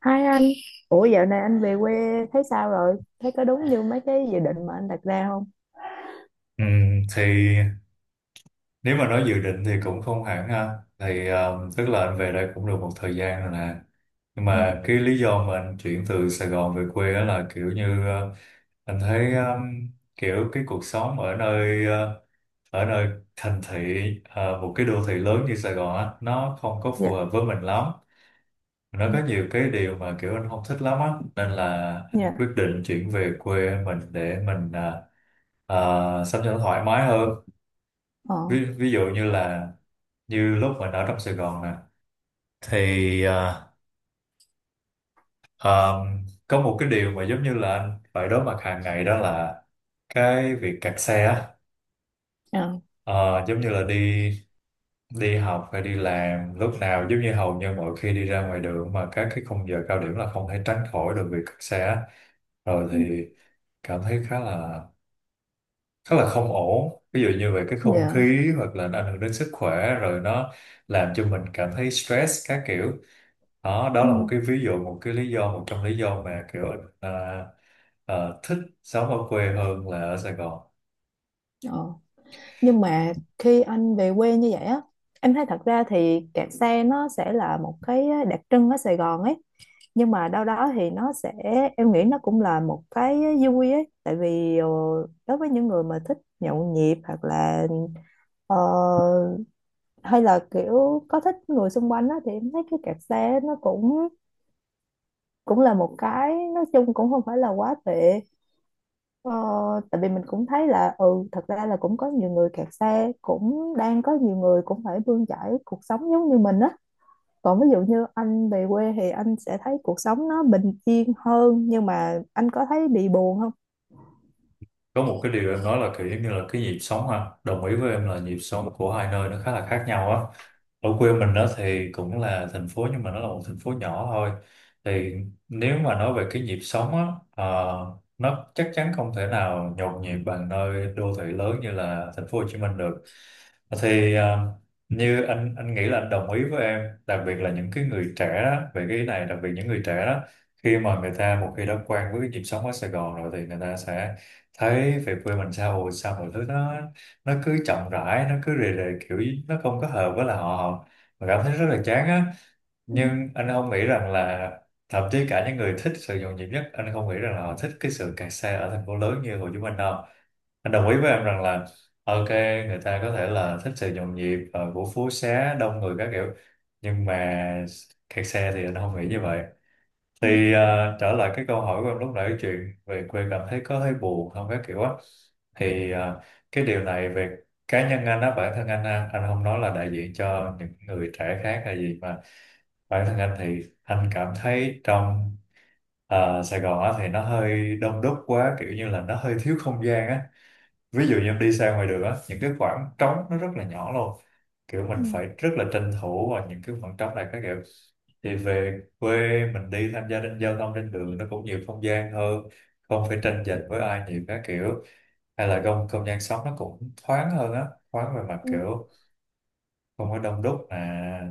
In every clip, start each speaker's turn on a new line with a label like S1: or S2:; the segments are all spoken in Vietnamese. S1: Hai anh, ủa dạo này anh về quê thấy sao rồi? Thấy có đúng như mấy cái dự định mà anh đặt ra không?
S2: Ừ, thì nếu mà nói dự định thì cũng không hẳn ha, thì tức là anh về đây cũng được một thời gian rồi nè, nhưng
S1: Ừ,
S2: mà cái lý do mà anh chuyển từ Sài Gòn về quê á là kiểu như anh thấy kiểu cái cuộc sống ở nơi ở nơi thành thị, một cái đô thị lớn như Sài Gòn á nó không có phù
S1: dạ,
S2: hợp với mình lắm. Nó
S1: ừ,
S2: có nhiều cái điều mà kiểu anh không thích lắm á, nên là anh quyết
S1: dạ,
S2: định chuyển về quê mình để mình à, sống cho nó thoải mái hơn.
S1: ờ,
S2: Ví dụ như là như lúc mình ở trong Sài Gòn nè thì có một cái điều mà giống như là anh phải đối mặt hàng ngày đó là cái việc kẹt xe á.
S1: ờ,
S2: Ờ, giống như là đi đi học hay đi làm, lúc nào giống như hầu như mỗi khi đi ra ngoài đường mà các cái khung giờ cao điểm là không thể tránh khỏi được việc kẹt xe á. Rồi
S1: ừ,
S2: thì cảm thấy khá là rất là không ổn, ví dụ như về cái không
S1: dạ,
S2: khí hoặc là nó ảnh hưởng đến sức khỏe, rồi nó làm cho mình cảm thấy stress các kiểu. Đó đó
S1: ừ,
S2: là một cái ví dụ, một cái lý do, một trong lý do mà kiểu à, à, thích sống ở quê hơn là ở Sài Gòn.
S1: ờ. Nhưng mà khi anh về quê như vậy á, em thấy thật ra thì kẹt xe nó sẽ là một cái đặc trưng ở Sài Gòn ấy. Nhưng mà đâu đó thì nó sẽ, em nghĩ nó cũng là một cái vui ấy. Tại vì đối với những người mà thích nhậu nhẹt hoặc là ờ, hay là kiểu có thích người xung quanh á, thì em thấy cái kẹt xe nó cũng cũng là một cái, nói chung cũng không phải là quá tệ. ờ, Tại vì mình cũng thấy là ừ, thật ra là cũng có nhiều người kẹt xe, cũng đang có nhiều người cũng phải bươn chải cuộc sống giống như mình á. Còn ví dụ như anh về quê thì anh sẽ thấy cuộc sống nó bình yên hơn, nhưng mà anh có thấy bị buồn không?
S2: Có một cái điều em nói là kiểu giống như là cái nhịp sống ha, đồng ý với em là nhịp sống của hai nơi nó khá là khác nhau á. Ở quê mình đó thì cũng là thành phố nhưng mà nó là một thành phố nhỏ thôi, thì nếu mà nói về cái nhịp sống á, nó chắc chắn không thể nào nhộn nhịp bằng nơi đô thị lớn như là thành phố Hồ Chí Minh được. Thì như anh nghĩ là anh đồng ý với em, đặc biệt là những cái người trẻ đó, về cái ý này, đặc biệt những người trẻ đó khi mà người ta một khi đã quen với cái nhịp sống ở Sài Gòn rồi thì người ta sẽ thấy về quê mình, sao ồ, sao mọi thứ nó cứ chậm rãi, nó cứ rề rề, kiểu nó không có hợp với là họ mà cảm thấy rất là chán á.
S1: Ừ,
S2: Nhưng anh không nghĩ rằng là thậm chí cả những người thích sự nhộn nhịp nhất, anh không nghĩ rằng là họ thích cái sự kẹt xe ở thành phố lớn như Hồ Chí Minh đâu. Anh đồng ý với em rằng là ok, người ta có thể là thích sự nhộn nhịp của phố xá đông người các kiểu, nhưng mà kẹt xe thì anh không nghĩ như vậy.
S1: ừ,
S2: Thì trở lại cái câu hỏi của em lúc nãy, chuyện về quê cảm thấy có hơi buồn không các kiểu á, thì cái điều này về cá nhân anh á, bản thân anh á, anh không nói là đại diện cho những người trẻ khác hay gì, mà bản thân anh thì anh cảm thấy trong Sài Gòn á thì nó hơi đông đúc quá, kiểu như là nó hơi thiếu không gian á. Ví dụ như đi ra ngoài đường á, những cái khoảng trống nó rất là nhỏ luôn, kiểu mình
S1: ừ,
S2: phải rất là tranh thủ vào những cái khoảng trống này các kiểu. Thì về quê mình đi tham gia trên giao thông, trên đường nó cũng nhiều không gian hơn, không phải tranh giành với ai nhiều các kiểu, hay là không không gian sống nó cũng thoáng hơn á, thoáng về mặt
S1: ừ,
S2: kiểu không có đông đúc nè,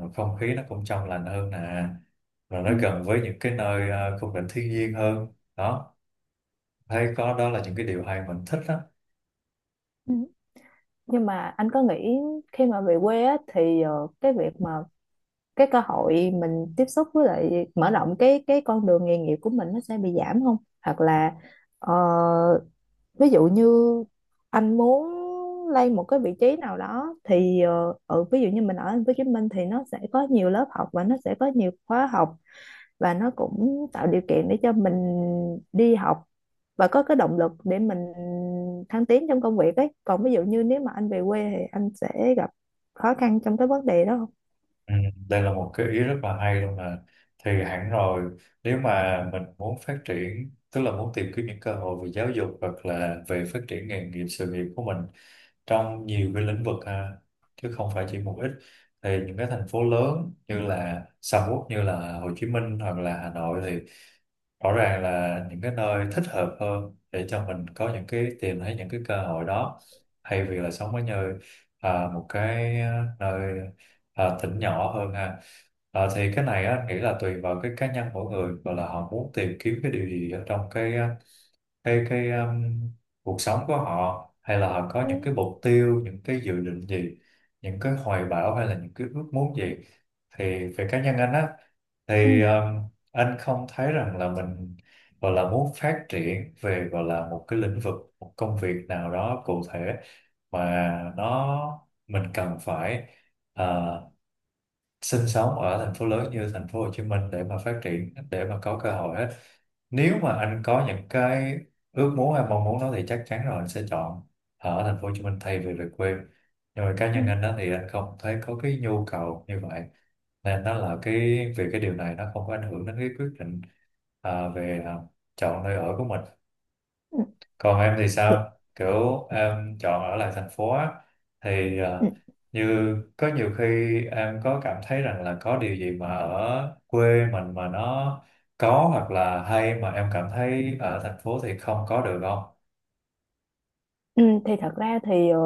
S2: rồi không khí nó cũng trong lành hơn nè, rồi nó
S1: ừ,
S2: gần với những cái nơi khung cảnh thiên nhiên hơn đó, thấy có đó là những cái điều hay mình thích đó.
S1: ừ. Nhưng mà anh có nghĩ khi mà về quê á, thì cái việc mà cái cơ hội mình tiếp xúc với lại mở rộng cái con đường nghề nghiệp của mình nó sẽ bị giảm không, hoặc là ờ, ví dụ như anh muốn lên một cái vị trí nào đó thì ví dụ như mình ở thành phố Hồ Chí Minh thì nó sẽ có nhiều lớp học và nó sẽ có nhiều khóa học, và nó cũng tạo điều kiện để cho mình đi học và có cái động lực để mình thăng tiến trong công việc ấy. Còn ví dụ như nếu mà anh về quê thì anh sẽ gặp khó khăn trong cái vấn đề đó không?
S2: Ừ, đây là một cái ý rất là hay luôn mà. Thì hẳn rồi, nếu mà mình muốn phát triển tức là muốn tìm kiếm những cơ hội về giáo dục hoặc là về phát triển nghề nghiệp, sự nghiệp của mình trong nhiều cái lĩnh vực ha, chứ không phải chỉ một ít, thì những cái thành phố lớn như là sầm uất như là Hồ Chí Minh hoặc là Hà Nội thì rõ ràng là những cái nơi thích hợp hơn để cho mình có những cái, tìm thấy những cái cơ hội đó, hay việc là sống ở như một cái nơi, tỉnh nhỏ hơn ha. À, thì cái này á, anh nghĩ là tùy vào cái cá nhân mỗi người và là họ muốn tìm kiếm cái điều gì ở trong cái cái cái um, cuộc sống của họ, hay là họ có những
S1: Ừ.
S2: cái mục tiêu, những cái dự định gì, những cái hoài bão hay là những cái ước muốn gì. Thì về cá nhân anh á thì
S1: Ừ.
S2: anh không thấy rằng là mình gọi là muốn phát triển về, gọi là một cái lĩnh vực, một công việc nào đó cụ thể mà nó mình cần phải ờ, sinh sống ở thành phố lớn như thành phố Hồ Chí Minh để mà phát triển, để mà có cơ hội hết. Nếu mà anh có những cái ước muốn hay mong muốn đó thì chắc chắn rồi, anh sẽ chọn ở thành phố Hồ Chí Minh thay vì về quê, nhưng mà cá nhân
S1: Ừ.
S2: anh đó thì anh không thấy có cái nhu cầu như vậy, nên nó là cái, về cái điều này nó không có ảnh hưởng đến cái quyết định về chọn nơi ở của mình.
S1: Ừ,
S2: Còn em thì
S1: dạ,
S2: sao? Kiểu em chọn ở lại thành phố á, thì
S1: ừ,
S2: như có nhiều khi em có cảm thấy rằng là có điều gì mà ở quê mình mà nó có hoặc là hay mà em cảm thấy ở thành phố thì không có được không?
S1: ừ, thì thật ra thì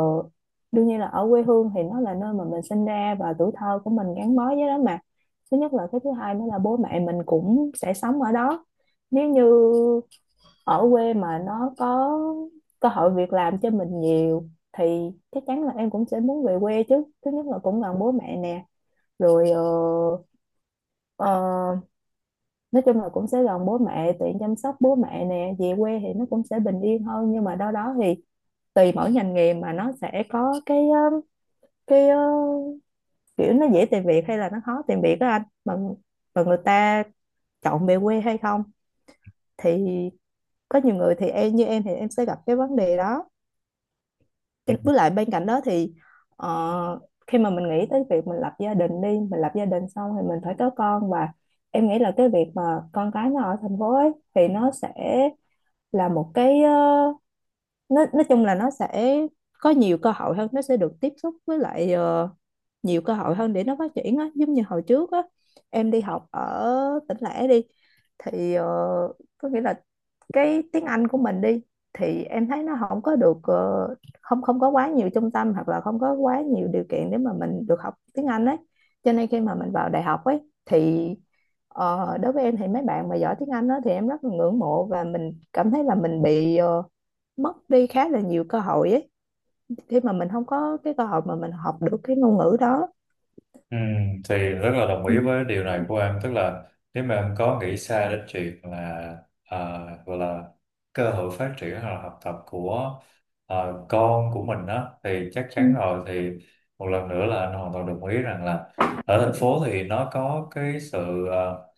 S1: đương nhiên là ở quê hương thì nó là nơi mà mình sinh ra và tuổi thơ của mình gắn bó với đó mà. Thứ nhất là, cái thứ hai nữa là bố mẹ mình cũng sẽ sống ở đó. Nếu như ở quê mà nó có cơ hội việc làm cho mình nhiều thì chắc chắn là em cũng sẽ muốn về quê chứ. Thứ nhất là cũng gần bố mẹ nè, rồi ờ, nói chung là cũng sẽ gần bố mẹ, tiện chăm sóc bố mẹ nè. Về quê thì nó cũng sẽ bình yên hơn, nhưng mà đâu đó thì tùy mỗi ngành nghề mà nó sẽ có cái cái kiểu nó dễ tìm việc hay là nó khó tìm việc đó anh, mà người ta chọn về quê hay không, thì có nhiều người thì em, như em thì em sẽ gặp cái vấn đề đó. Cho với lại bên cạnh đó thì ờ, khi mà mình nghĩ tới việc mình lập gia đình đi, mình lập gia đình xong thì mình phải có con. Và em nghĩ là cái việc mà con cái nó ở thành phố ấy thì nó sẽ là một cái nó nói chung là nó sẽ có nhiều cơ hội hơn, nó sẽ được tiếp xúc với lại nhiều cơ hội hơn để nó phát triển á. Giống như hồi trước á, em đi học ở tỉnh lẻ đi, thì có nghĩa là cái tiếng Anh của mình đi thì em thấy nó không có được không không có quá nhiều trung tâm hoặc là không có quá nhiều điều kiện để mà mình được học tiếng Anh ấy. Cho nên khi mà mình vào đại học ấy thì đối với em thì mấy bạn mà giỏi tiếng Anh đó thì em rất là ngưỡng mộ, và mình cảm thấy là mình bị mất đi khá là nhiều cơ hội ấy, khi mà mình không có cái cơ hội mà mình học được cái ngôn ngữ đó.
S2: Ừ, thì rất là đồng
S1: Ừ.
S2: ý với điều này của em, tức là nếu mà em có nghĩ xa đến chuyện là gọi là cơ hội phát triển hoặc là học tập của con của mình đó thì chắc chắn
S1: Ừ.
S2: rồi, thì một lần nữa là anh hoàn toàn đồng ý rằng là ở thành phố thì nó có cái sự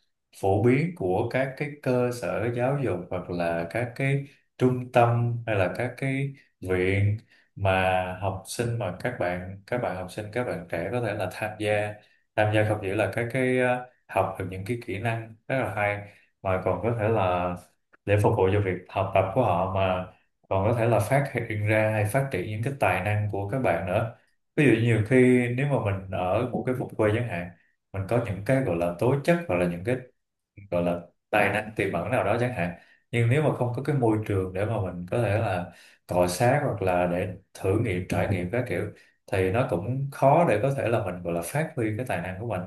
S2: phổ biến của các cái cơ sở giáo dục hoặc là các cái trung tâm hay là các cái viện mà học sinh, mà các bạn học sinh, các bạn trẻ có thể là tham gia, không chỉ là các cái, học được những cái kỹ năng rất là hay mà còn có thể là để phục vụ cho việc học tập của họ, mà còn có thể là phát hiện ra hay phát triển những cái tài năng của các bạn nữa. Ví dụ nhiều khi nếu mà mình ở một cái vùng quê chẳng hạn, mình có những cái gọi là tố chất hoặc là những cái gọi là tài năng tiềm ẩn nào đó chẳng hạn, nhưng nếu mà không có cái môi trường để mà mình có thể là cọ xát hoặc là để thử nghiệm, trải nghiệm các kiểu, thì nó cũng khó để có thể là mình gọi là phát huy cái tài năng của mình.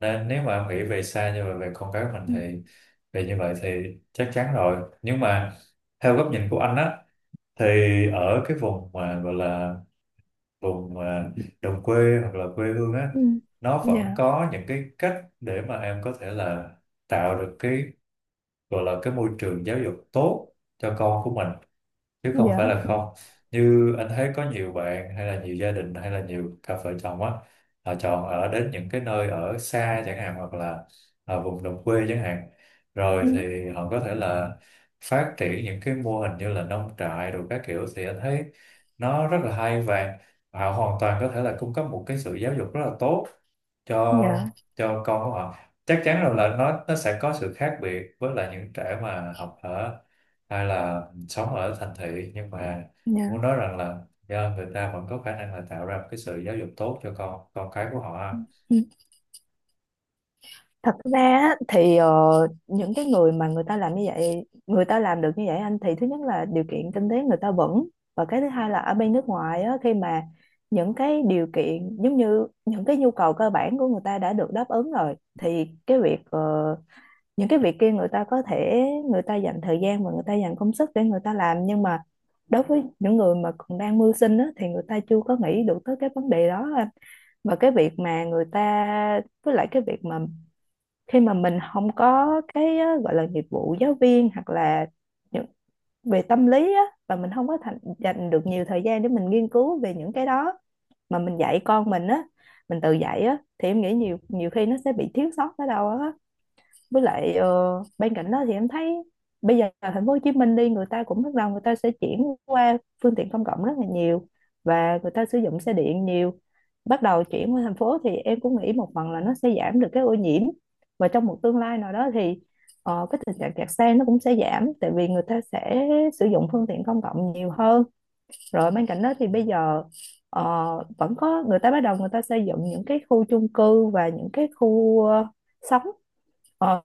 S2: Nên nếu mà em nghĩ về xa như vậy về con cái mình
S1: Ừ.
S2: thì về như vậy thì chắc chắn rồi, nhưng mà theo góc nhìn của anh á thì ở cái vùng mà gọi là vùng mà đồng quê hoặc là quê hương á,
S1: Ừ.
S2: nó vẫn
S1: Dạ.
S2: có những cái cách để mà em có thể là tạo được cái, gọi là cái môi trường giáo dục tốt cho con của mình, chứ không phải
S1: Dạ.
S2: là không. Như anh thấy có nhiều bạn hay là nhiều gia đình hay là nhiều cặp vợ chồng á, họ chọn ở đến những cái nơi ở xa chẳng hạn hoặc là ở vùng đồng quê chẳng hạn,
S1: Ừ.
S2: rồi thì họ có thể là phát triển những cái mô hình như là nông trại rồi các kiểu, thì anh thấy nó rất là hay, và họ hoàn toàn có thể là cung cấp một cái sự giáo dục rất là tốt
S1: Dạ.
S2: cho con của họ. Chắc chắn rồi là nó sẽ có sự khác biệt với lại những trẻ mà học ở, hay là sống ở thành thị, nhưng mà
S1: Dạ.
S2: muốn nói rằng là do người ta vẫn có khả năng là tạo ra một cái sự giáo dục tốt cho con cái của họ ha.
S1: Ừ. Thật ra á, thì những cái người mà người ta làm như vậy, người ta làm được như vậy anh, thì thứ nhất là điều kiện kinh tế người ta vững, và cái thứ hai là ở bên nước ngoài á, khi mà những cái điều kiện giống như những cái nhu cầu cơ bản của người ta đã được đáp ứng rồi thì cái việc những cái việc kia người ta có thể, người ta dành thời gian và người ta dành công sức để người ta làm. Nhưng mà đối với những người mà còn đang mưu sinh á, thì người ta chưa có nghĩ được tới cái vấn đề đó anh. Và cái việc mà người ta, với lại cái việc mà khi mà mình không có cái gọi là nghiệp vụ giáo viên hoặc là những về tâm lý á, và mình không có dành được nhiều thời gian để mình nghiên cứu về những cái đó mà mình dạy con mình á, mình tự dạy á, thì em nghĩ nhiều nhiều khi nó sẽ bị thiếu sót ở đâu á. Với lại bên cạnh đó thì em thấy bây giờ ở thành phố Hồ Chí Minh đi, người ta cũng bắt đầu, người ta sẽ chuyển qua phương tiện công cộng rất là nhiều, và người ta sử dụng xe điện nhiều, bắt đầu chuyển qua thành phố, thì em cũng nghĩ một phần là nó sẽ giảm được cái ô nhiễm. Và trong một tương lai nào đó thì cái tình trạng kẹt xe nó cũng sẽ giảm, tại vì người ta sẽ sử dụng phương tiện công cộng nhiều hơn. Rồi bên cạnh đó thì bây giờ ờ, vẫn có người ta bắt đầu, người ta xây dựng những cái khu chung cư và những cái khu sống ờ,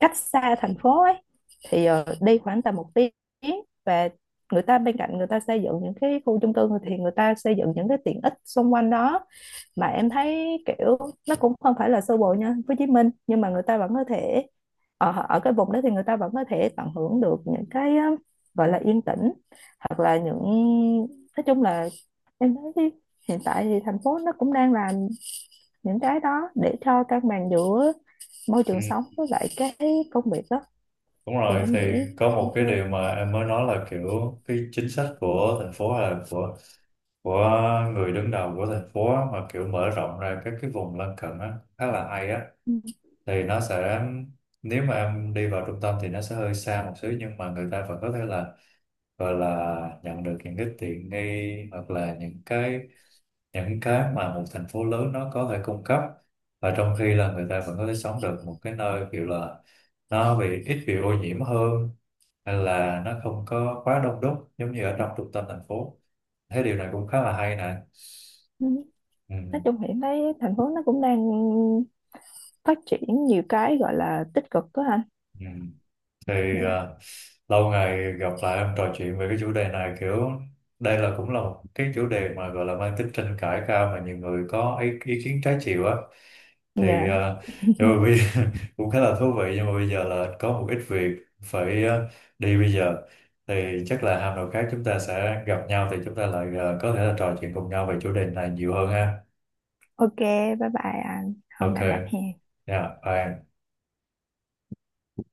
S1: cách xa thành phố ấy, thì đi khoảng tầm 1 tiếng. Và người ta, bên cạnh người ta xây dựng những cái khu chung cư thì người ta xây dựng những cái tiện ích xung quanh đó, mà em thấy kiểu nó cũng không phải là sơ bộ nha Hồ Chí Minh. Nhưng mà người ta vẫn có thể ở ở cái vùng đó thì người ta vẫn có thể tận hưởng được những cái gọi là yên tĩnh, hoặc là những, nói chung là em thấy hiện tại thì thành phố nó cũng đang làm những cái đó để cho cân bằng giữa môi
S2: Ừ,
S1: trường sống với lại cái công việc đó,
S2: đúng
S1: thì
S2: rồi,
S1: em
S2: thì
S1: nghĩ.
S2: có một cái
S1: Ok.
S2: điều mà em mới nói là kiểu cái chính sách của thành phố hay là của người đứng đầu của thành phố á, mà kiểu mở rộng ra các cái vùng lân cận á khá là hay á,
S1: Ừ.
S2: thì nó sẽ, nếu mà em đi vào trung tâm thì nó sẽ hơi xa một xíu nhưng mà người ta vẫn có thể là, gọi là nhận được những cái tiện nghi hoặc là những cái mà một thành phố lớn nó có thể cung cấp, và trong khi là người ta vẫn có thể sống được một cái nơi kiểu là nó bị ít bị ô nhiễm hơn hay là nó không có quá đông đúc giống như ở trong trung tâm thành phố. Thế điều này cũng khá là hay nè.
S1: Ừ.
S2: Ừ.
S1: Nói chung hiện nay thành phố nó cũng đang phát triển nhiều cái gọi là tích cực đó anh.
S2: Ừ. thì
S1: Dạ.
S2: à, lâu ngày gặp lại em, trò chuyện về cái chủ đề này kiểu đây là cũng là một cái chủ đề mà gọi là mang tính tranh cãi cao, mà nhiều người có ý kiến trái chiều á, thì
S1: Dạ.
S2: à, nhưng mà cũng khá là thú vị, nhưng mà bây giờ là có một ít việc phải đi bây giờ, thì chắc là hôm nào khác chúng ta sẽ gặp nhau thì chúng ta lại có thể là trò chuyện cùng nhau về chủ đề này nhiều hơn ha.
S1: Ok. Bye bye anh. Hôm
S2: Ok,
S1: nào gặp hè.
S2: yeah, bye em.